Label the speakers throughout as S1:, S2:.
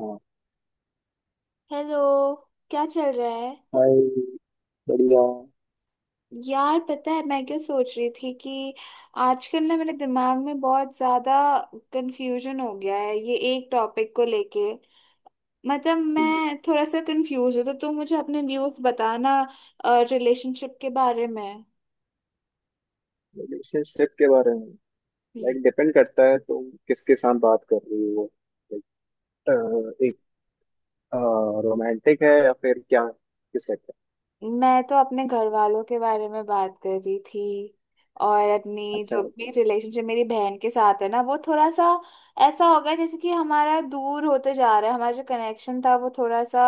S1: हाँ।
S2: हेलो। क्या चल रहा है?
S1: भाई। बढ़िया।
S2: यार, पता है मैं क्या सोच रही थी? कि आजकल ना मेरे दिमाग में बहुत ज्यादा कंफ्यूजन हो गया है ये एक टॉपिक को लेके। मतलब मैं थोड़ा सा कंफ्यूज हूँ तो तुम मुझे अपने व्यूज बताना रिलेशनशिप के बारे में।
S1: रिलेशनशिप के बारे में?
S2: हम्म।
S1: लाइक डिपेंड करता है तुम किसके साथ बात कर रही हो। लाइक एक रोमांटिक है या फिर क्या? किस टाइप का?
S2: मैं तो अपने घर वालों के बारे में बात कर रही थी और अपनी
S1: अच्छा।
S2: जो भी रिलेशनशिप मेरी बहन के साथ है ना वो थोड़ा सा ऐसा हो गया, जैसे कि हमारा दूर होते जा रहा है, हमारा जो कनेक्शन था वो थोड़ा सा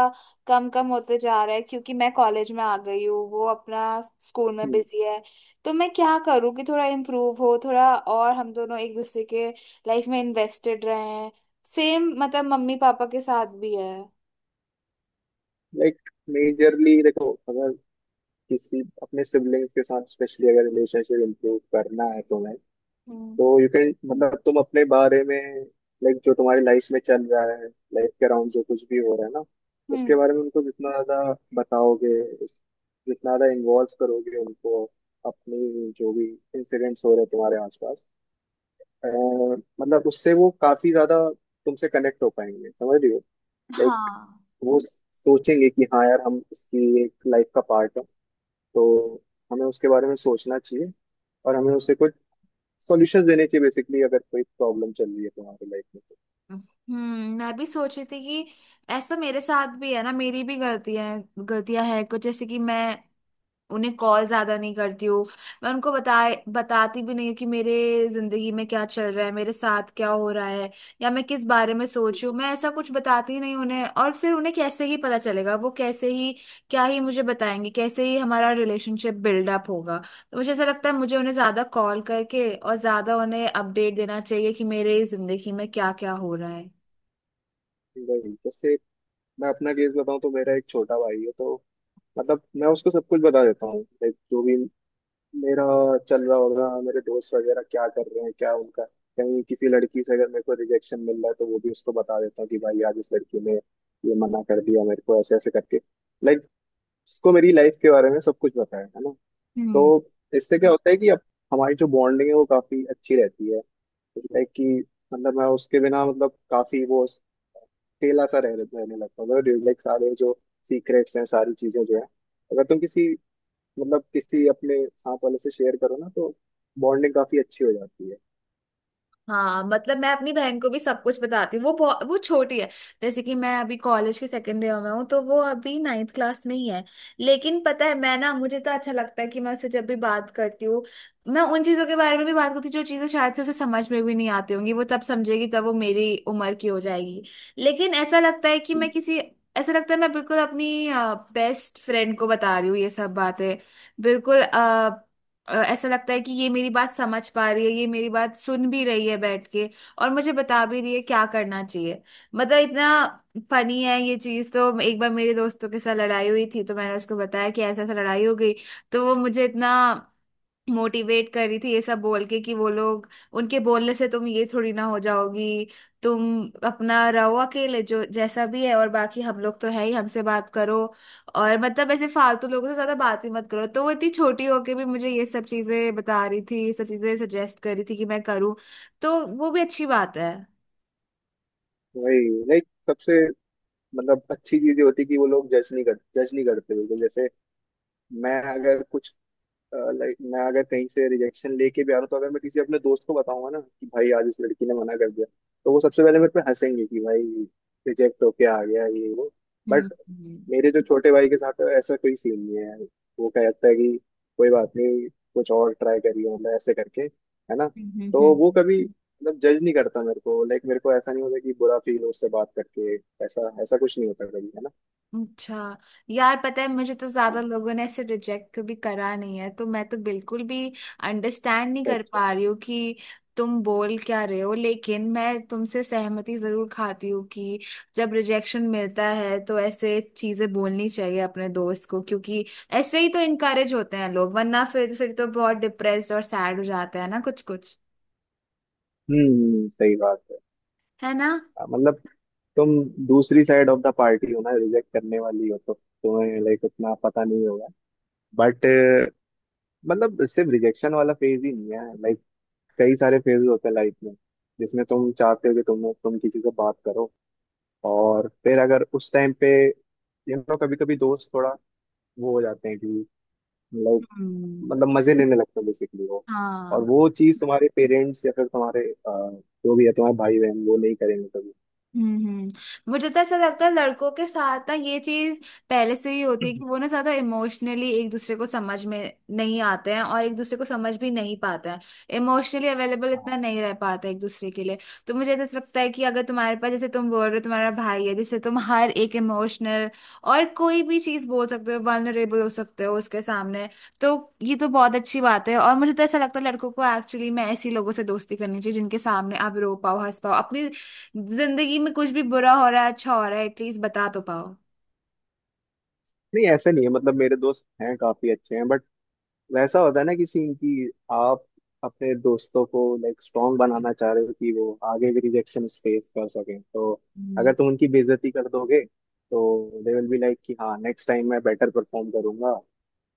S2: कम कम होते जा रहा है क्योंकि मैं कॉलेज में आ गई हूँ, वो अपना स्कूल में बिजी है। तो मैं क्या करूँ कि थोड़ा इम्प्रूव हो थोड़ा, और हम दोनों एक दूसरे के लाइफ में इन्वेस्टेड रहें। सेम मतलब मम्मी पापा के साथ भी है।
S1: लाइक मेजरली देखो, अगर किसी अपने सिबलिंग्स के साथ स्पेशली अगर रिलेशनशिप इम्प्रूव करना है तुम्हें,
S2: हम्म।
S1: तो यू कैन, मतलब तुम अपने बारे में, लाइक जो तुम्हारी लाइफ में चल रहा है, लाइफ के अराउंड जो कुछ भी हो रहा है ना, उसके
S2: हम्म।
S1: बारे में उनको जितना ज्यादा बताओगे, उस- जितना ज्यादा इन्वॉल्व करोगे उनको, अपनी जो भी इंसिडेंट्स हो रहे हैं तुम्हारे आसपास, अ, मतलब उससे वो काफी ज्यादा तुमसे कनेक्ट हो पाएंगे। समझ रही हो? लाइक
S2: हाँ।
S1: वो सोचेंगे कि हाँ यार, हम इसकी एक लाइफ का पार्ट है, तो हमें उसके बारे में सोचना चाहिए, और हमें उससे कुछ सॉल्यूशंस देने चाहिए बेसिकली, अगर कोई प्रॉब्लम चल रही है तुम्हारी लाइफ में।
S2: हम्म। मैं भी सोच रही थी कि ऐसा मेरे साथ भी है ना, मेरी भी गलतियां गलतियां है कुछ, जैसे कि मैं उन्हें कॉल ज्यादा नहीं करती हूँ, मैं उनको बताती भी नहीं हूँ कि मेरे जिंदगी में क्या चल रहा है, मेरे साथ क्या हो रहा है, या मैं किस बारे में सोच रही हूँ। मैं ऐसा कुछ बताती नहीं उन्हें, और फिर उन्हें कैसे ही पता चलेगा, वो कैसे ही क्या ही मुझे बताएंगे, कैसे ही हमारा रिलेशनशिप बिल्डअप होगा। तो मुझे ऐसा लगता है मुझे उन्हें ज्यादा कॉल करके और ज्यादा उन्हें अपडेट देना चाहिए कि मेरे जिंदगी में क्या क्या हो रहा है।
S1: तो वही, जैसे मैं अपना केस बताऊं, तो मेरा एक छोटा भाई है, तो मतलब मैं उसको सब कुछ बता देता हूँ, लाइक जो भी मेरा चल रहा होगा, मेरे दोस्त वगैरह क्या कर रहे हैं, क्या उनका, कहीं किसी लड़की से अगर मेरे को रिजेक्शन मिल रहा है, तो वो भी उसको बता देता हूँ कि भाई आज इस लड़की ने ये मना कर दिया मेरे को, ऐसे ऐसे करके। लाइक उसको मेरी लाइफ के बारे में सब कुछ बताया है ना।
S2: हम्म।
S1: तो इससे क्या होता है कि अब हमारी जो बॉन्डिंग है वो काफी अच्छी रहती है। लाइक कि, मतलब मैं उसके बिना, मतलब काफी वो अकेला सा रह रहने लगता था। लाइक सारे जो सीक्रेट्स हैं, सारी चीजें जो है, अगर तुम किसी, मतलब किसी अपने साथ वाले से शेयर करो ना, तो बॉन्डिंग काफी अच्छी हो जाती है।
S2: हाँ मतलब मैं अपनी बहन को भी सब कुछ बताती हूँ। वो छोटी है। जैसे कि मैं अभी कॉलेज के सेकेंड ईयर में हूँ तो वो अभी 9th क्लास में ही है। लेकिन पता है मैं ना, मुझे तो अच्छा लगता है कि मैं उससे जब भी बात करती हूँ, मैं उन चीज़ों के बारे में भी बात करती हूँ जो चीज़ें शायद से उसे समझ में भी नहीं आती होंगी, वो तब समझेगी तब वो मेरी उम्र की हो जाएगी। लेकिन
S1: हम्म।
S2: ऐसा लगता है मैं बिल्कुल अपनी बेस्ट फ्रेंड को बता रही हूँ ये सब बातें। बिल्कुल। ऐसा लगता है कि ये मेरी बात समझ पा रही है, ये मेरी बात सुन भी रही है बैठ के, और मुझे बता भी रही है क्या करना चाहिए। मतलब इतना फनी है ये चीज। तो एक बार मेरे दोस्तों के साथ लड़ाई हुई थी तो मैंने उसको बताया कि ऐसा ऐसा लड़ाई हो गई। तो वो मुझे इतना मोटिवेट कर रही थी, ये सब बोल के कि वो लोग, उनके बोलने से तुम ये थोड़ी ना हो जाओगी, तुम अपना रहो अकेले जो जैसा भी है, और बाकी हम लोग तो है ही, हमसे बात करो और मतलब ऐसे फालतू लोगों से ज्यादा बात ही मत करो। तो वो इतनी छोटी होके भी मुझे ये सब चीजें बता रही थी, ये सब चीजें सजेस्ट कर रही थी कि मैं करूँ। तो वो भी अच्छी बात है।
S1: वही, लाइक सबसे, मतलब अच्छी चीज ये होती है कि वो लोग जज नहीं करते बिल्कुल। जैसे मैं अगर कुछ, लाइक मैं अगर कहीं से रिजेक्शन लेके भी आ रहा हूँ, तो अगर मैं किसी अपने दोस्त को बताऊंगा ना कि भाई आज इस लड़की ने मना कर दिया, तो वो सबसे पहले मेरे पे हंसेंगे कि भाई रिजेक्ट होके आ गया, ये वो।
S2: हम्म।
S1: बट
S2: हम्म।
S1: मेरे जो छोटे भाई के साथ है ऐसा कोई सीन नहीं है यार। वो कहता है कि कोई बात नहीं, कुछ और ट्राई करिए, मतलब ऐसे करके, है ना।
S2: हम्म।
S1: तो वो कभी, मतलब जज नहीं करता मेरे को। लाइक मेरे को ऐसा नहीं होता कि बुरा फील हो उससे बात करके। ऐसा ऐसा कुछ नहीं होता कभी, है ना।
S2: अच्छा। यार पता है मुझे तो ज्यादा लोगों ने ऐसे रिजेक्ट कभी करा नहीं है तो मैं तो बिल्कुल भी अंडरस्टैंड नहीं
S1: अच्छा
S2: कर
S1: अच्छा।
S2: पा रही हूँ कि तुम बोल क्या रहे हो। लेकिन मैं तुमसे सहमति जरूर खाती हूँ कि जब रिजेक्शन मिलता है तो ऐसे चीजें बोलनी चाहिए अपने दोस्त को, क्योंकि ऐसे ही तो इनकरेज होते हैं लोग, वरना फिर तो बहुत डिप्रेस्ड और सैड हो जाते हैं ना कुछ कुछ।
S1: सही बात है।
S2: है ना?
S1: मतलब तुम दूसरी साइड ऑफ द पार्टी हो ना, रिजेक्ट करने वाली हो, तो तुम्हें लाइक उतना पता नहीं होगा। बट मतलब सिर्फ रिजेक्शन वाला फेज ही नहीं है, लाइक कई सारे फेज होते हैं लाइफ में, जिसमें तुम चाहते हो कि तुम किसी से बात करो। और फिर अगर उस टाइम पे, कभी कभी दोस्त थोड़ा वो हो जाते हैं कि, लाइक
S2: हम्म।
S1: मतलब मजे लेने लगते हैं बेसिकली वो। और
S2: हाँ।
S1: वो चीज तुम्हारे पेरेंट्स या फिर तुम्हारे जो भी है तुम्हारे भाई बहन, वो नहीं करेंगे
S2: हम्म। हम्म। मुझे तो ऐसा लगता है लड़कों के साथ ना ये चीज पहले से ही होती है
S1: कभी।
S2: कि वो ना ज्यादा इमोशनली एक दूसरे को समझ में नहीं आते हैं, और एक दूसरे को समझ भी नहीं पाते हैं, इमोशनली अवेलेबल इतना नहीं रह पाते एक दूसरे के लिए। तो मुझे तो ऐसा लगता है कि अगर तुम्हारे पास, जैसे तुम बोल रहे हो, तुम्हारा भाई है जिससे तुम हर एक इमोशनल और कोई भी चीज बोल सकते हो, वल्नरेबल हो सकते हो उसके सामने, तो ये तो बहुत अच्छी बात है। और मुझे तो ऐसा लगता है लड़कों को एक्चुअली में ऐसे लोगों से दोस्ती करनी चाहिए जिनके सामने आप रो पाओ हंस पाओ, अपनी जिंदगी में कुछ भी बुरा हो रहा है अच्छा हो रहा है एटलीस्ट बता तो पाओ।
S1: नहीं, ऐसे नहीं है, मतलब मेरे दोस्त हैं काफी अच्छे हैं, बट वैसा होता है ना कि सीन की आप अपने दोस्तों को लाइक स्ट्रांग बनाना चाह रहे हो कि वो आगे भी रिजेक्शन फेस कर सकें। तो अगर
S2: हम्म।
S1: तुम उनकी बेइज्जती कर दोगे, तो दे विल बी लाइक कि हाँ नेक्स्ट टाइम मैं बेटर परफॉर्म करूंगा।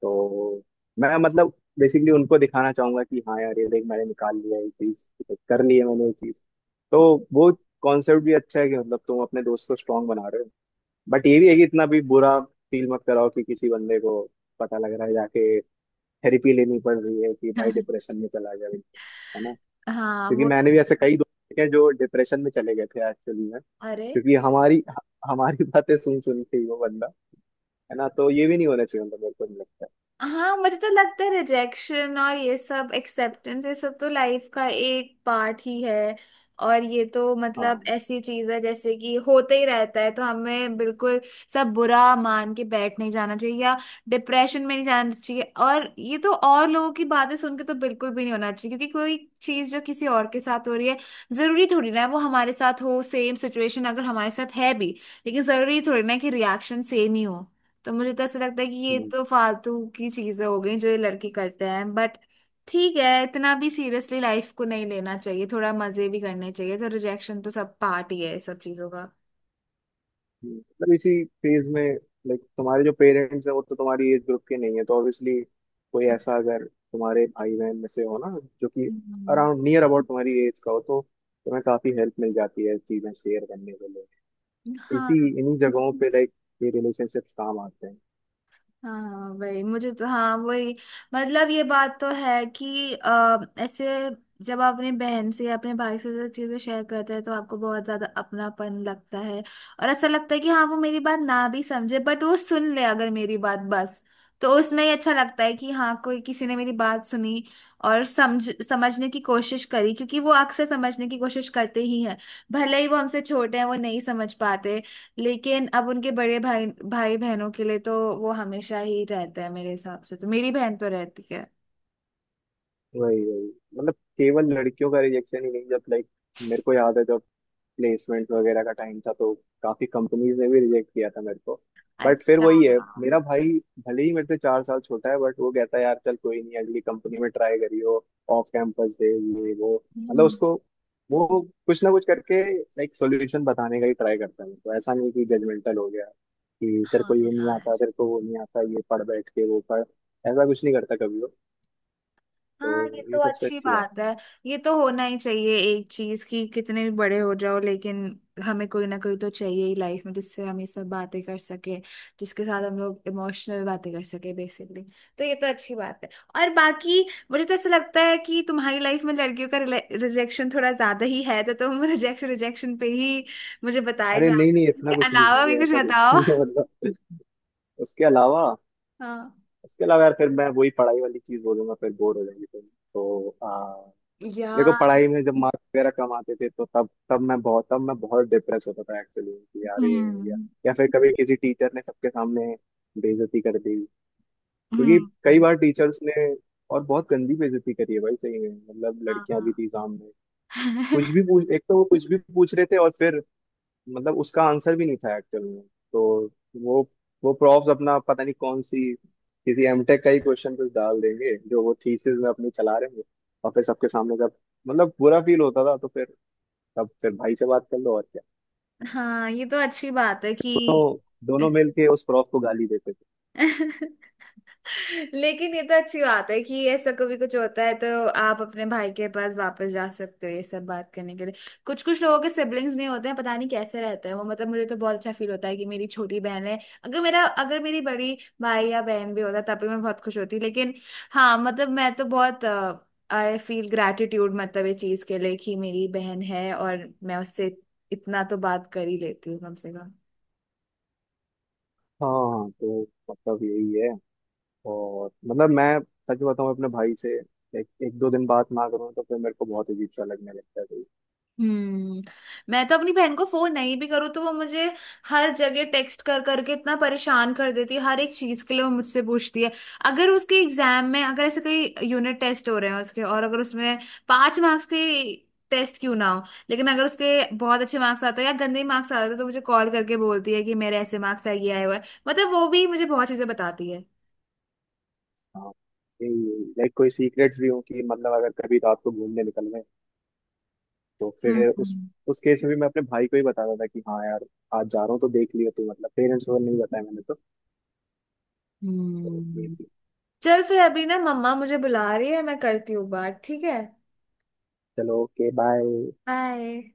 S1: तो मैं मतलब बेसिकली उनको दिखाना चाहूंगा कि हाँ यार ये देख मैंने निकाल लिया ये चीज, कर ली है मैंने ये चीज। तो वो कॉन्सेप्ट भी अच्छा है कि, मतलब तुम अपने दोस्त को स्ट्रांग बना रहे हो, बट ये भी है कि इतना भी बुरा फील मत कराओ कि किसी बंदे को पता लग रहा है जाके थेरेपी लेनी पड़ रही है, कि भाई डिप्रेशन में चला गया बिल्कुल, है ना।
S2: हाँ
S1: क्योंकि
S2: वो तो-
S1: मैंने भी ऐसे कई दोस्त देखे हैं जो डिप्रेशन में चले गए थे एक्चुअली में,
S2: अरे।
S1: क्योंकि हमारी हमारी बातें सुन सुन के ही वो बंदा, है ना। तो ये भी नहीं होना चाहिए, मतलब मेरे को नहीं लगता।
S2: हाँ मुझे तो लगता है रिजेक्शन और ये सब एक्सेप्टेंस ये सब तो लाइफ का एक पार्ट ही है, और ये तो मतलब
S1: हाँ
S2: ऐसी चीज है जैसे कि होते ही रहता है, तो हमें बिल्कुल सब बुरा मान के बैठ नहीं जाना चाहिए या डिप्रेशन में नहीं जाना चाहिए। और ये तो और लोगों की बातें सुन के तो बिल्कुल भी नहीं होना चाहिए, क्योंकि कोई चीज जो किसी और के साथ हो रही है जरूरी थोड़ी ना है वो हमारे साथ हो। सेम सिचुएशन अगर हमारे साथ है भी, लेकिन जरूरी थोड़ी ना है कि रिएक्शन सेम ही हो। तो मुझे तो ऐसा लगता है कि ये
S1: हाँ।
S2: तो फालतू की चीजें हो गई जो ये लड़के करते हैं, बट ठीक है, इतना भी सीरियसली लाइफ को नहीं लेना चाहिए, थोड़ा मजे भी करने चाहिए। तो रिजेक्शन तो सब पार्ट ही है इस सब चीजों का।
S1: मतलब इसी फेज में लाइक, तुम्हारे जो पेरेंट्स हैं, वो तो तुम्हारी एज ग्रुप के नहीं है, तो ऑब्वियसली कोई ऐसा अगर तुम्हारे भाई बहन में से हो ना, जो कि
S2: हम्म,
S1: अराउंड नियर अबाउट तुम्हारी एज का हो, तो तुम्हें काफी हेल्प मिल जाती है चीजें शेयर करने के लिए। इसी
S2: हाँ।
S1: इन्हीं जगहों पे लाइक ये रिलेशनशिप्स काम आते हैं।
S2: हाँ वही, मुझे तो, हाँ वही मतलब ये बात तो है कि ऐसे जब आप अपनी बहन से या अपने भाई से सब चीजें शेयर करते हैं तो आपको बहुत ज्यादा अपनापन लगता है। और ऐसा लगता है कि हाँ वो मेरी बात ना भी समझे बट वो सुन ले अगर मेरी बात बस, तो उसमें ही अच्छा लगता है कि हाँ कोई किसी ने मेरी बात सुनी और समझने की कोशिश करी, क्योंकि वो अक्सर समझने की कोशिश करते ही हैं भले ही वो हमसे छोटे हैं, वो नहीं समझ पाते लेकिन अब उनके बड़े भाई भाई बहनों के लिए तो वो हमेशा ही रहते हैं मेरे हिसाब से, तो मेरी बहन तो रहती है।
S1: वही वही, मतलब केवल लड़कियों का रिजेक्शन ही नहीं। जब लाइक मेरे को याद है, जब प्लेसमेंट वगैरह का टाइम था, तो काफी कंपनीज ने भी रिजेक्ट किया था मेरे को। बट फिर
S2: अच्छा।
S1: वही है,
S2: हाँ।
S1: मेरा भाई भले ही मेरे से 4 साल छोटा है, बट वो कहता है यार चल कोई नहीं, अगली कंपनी में ट्राई करियो, ऑफ कैंपस दे, ये वो, मतलब
S2: हम्म।
S1: उसको, वो कुछ ना कुछ करके एक सोल्यूशन बताने का ही ट्राई करता है। तो ऐसा नहीं कि जजमेंटल हो गया कि तेरे
S2: हाँ।
S1: को ये नहीं
S2: यार
S1: आता, तेरे को वो नहीं आता, ये पढ़ बैठ के वो पढ़। ऐसा कुछ नहीं करता कभी वो।
S2: हाँ, ये
S1: तो ये
S2: तो
S1: सबसे
S2: अच्छी
S1: अच्छी बात
S2: बात
S1: है।
S2: है। ये तो होना ही चाहिए एक चीज की कितने भी बड़े हो जाओ लेकिन हमें कोई ना कोई तो चाहिए ही लाइफ में जिससे हम ये सब बातें कर सके, जिसके साथ हम लोग इमोशनल बातें कर सके बेसिकली। तो ये तो अच्छी बात है। और बाकी मुझे तो ऐसा लगता है कि तुम्हारी लाइफ में लड़कियों का रिजेक्शन थोड़ा ज्यादा ही है तो तुम रिजेक्शन रिजेक्शन पे ही मुझे बताए
S1: अरे
S2: जा,
S1: नहीं नहीं, इतना
S2: इसके
S1: कुछ नहीं है,
S2: अलावा भी
S1: अरे
S2: कुछ
S1: ऐसा कुछ
S2: बताओ।
S1: नहीं है, मतलब। उसके अलावा।
S2: हाँ
S1: उसके अलावा यार फिर मैं वही पढ़ाई वाली चीज बोलूंगा, फिर बोर हो जाएंगे तुम। तो देखो,
S2: यार।
S1: पढ़ाई में जब मार्क्स वगैरह कम आते थे, तो तब तब मैं बहुत डिप्रेस होता था एक्चुअली, कि यार ये हो गया।
S2: हम्म।
S1: या फिर कभी किसी टीचर ने सबके सामने बेइज्जती कर दी। क्योंकि कई
S2: हम्म।
S1: बार टीचर्स ने, और बहुत गंदी बेइज्जती करी है भाई, सही में, मतलब लड़कियां भी
S2: हाँ।
S1: थी सामने। कुछ भी पूछ एक तो वो कुछ भी पूछ रहे थे, और फिर मतलब उसका आंसर भी नहीं था एक्चुअल में। तो वो वो प्रॉफ्स अपना पता नहीं कौन सी, किसी एमटेक का ही क्वेश्चन कुछ डाल देंगे जो वो थीसिस में अपनी चला रहे हैं। और फिर सबके सामने जब, मतलब बुरा फील होता था, तो फिर तब फिर भाई से बात कर लो और क्या।
S2: हाँ ये तो अच्छी बात है कि।
S1: तो दोनों मिल के उस प्रॉफ को गाली देते थे।
S2: लेकिन ये तो अच्छी बात है कि ऐसा कभी कुछ होता है तो आप अपने भाई के पास वापस जा सकते हो ये सब बात करने के लिए। कुछ कुछ लोगों के सिबलिंग्स नहीं होते हैं, पता नहीं कैसे रहते हैं वो। मतलब मुझे तो बहुत अच्छा फील होता है कि मेरी छोटी बहन है। अगर मेरी बड़ी भाई या बहन भी होता तब भी मैं बहुत खुश होती लेकिन हाँ, मतलब मैं तो बहुत आई फील ग्रैटिट्यूड मतलब ये चीज के लिए कि मेरी बहन है और मैं उससे इतना तो बात कर ही लेती हूँ कम से कम।
S1: हाँ। तो मतलब यही है। और मतलब मैं सच बताऊं, अपने भाई से एक दो दिन बात ना करूं तो फिर मेरे को बहुत अजीब सा लगने लगता है भाई।
S2: हम्म। मैं तो अपनी बहन को फोन नहीं भी करूँ तो वो मुझे हर जगह टेक्स्ट कर करके इतना परेशान कर देती है। हर एक चीज के लिए वो मुझसे पूछती है, अगर उसके एग्जाम में अगर ऐसे कोई यूनिट टेस्ट हो रहे हैं उसके, और अगर उसमें 5 मार्क्स के टेस्ट क्यों ना हो, लेकिन अगर उसके बहुत अच्छे मार्क्स आते हैं या गंदे मार्क्स आते हैं तो मुझे कॉल करके बोलती है कि मेरे ऐसे मार्क्स आए, ये आए हुए हैं। मतलब वो भी मुझे बहुत चीजें बताती है।
S1: हाँ। लाइक कोई सीक्रेट्स भी हो कि, मतलब अगर कभी रात को घूमने निकल गए, तो
S2: हम्म।
S1: फिर उस
S2: हम्म।
S1: उस केस में भी मैं अपने भाई को ही बता रहा था कि हाँ यार आज जा रहा हूँ, तो देख लियो तू, मतलब पेरेंट्स को नहीं बताया मैंने तो। तो ये
S2: हम्म।
S1: सी
S2: चल फिर, अभी ना मम्मा मुझे बुला रही है, मैं करती हूँ बात, ठीक है?
S1: चलो, ओके, बाय।
S2: बाय।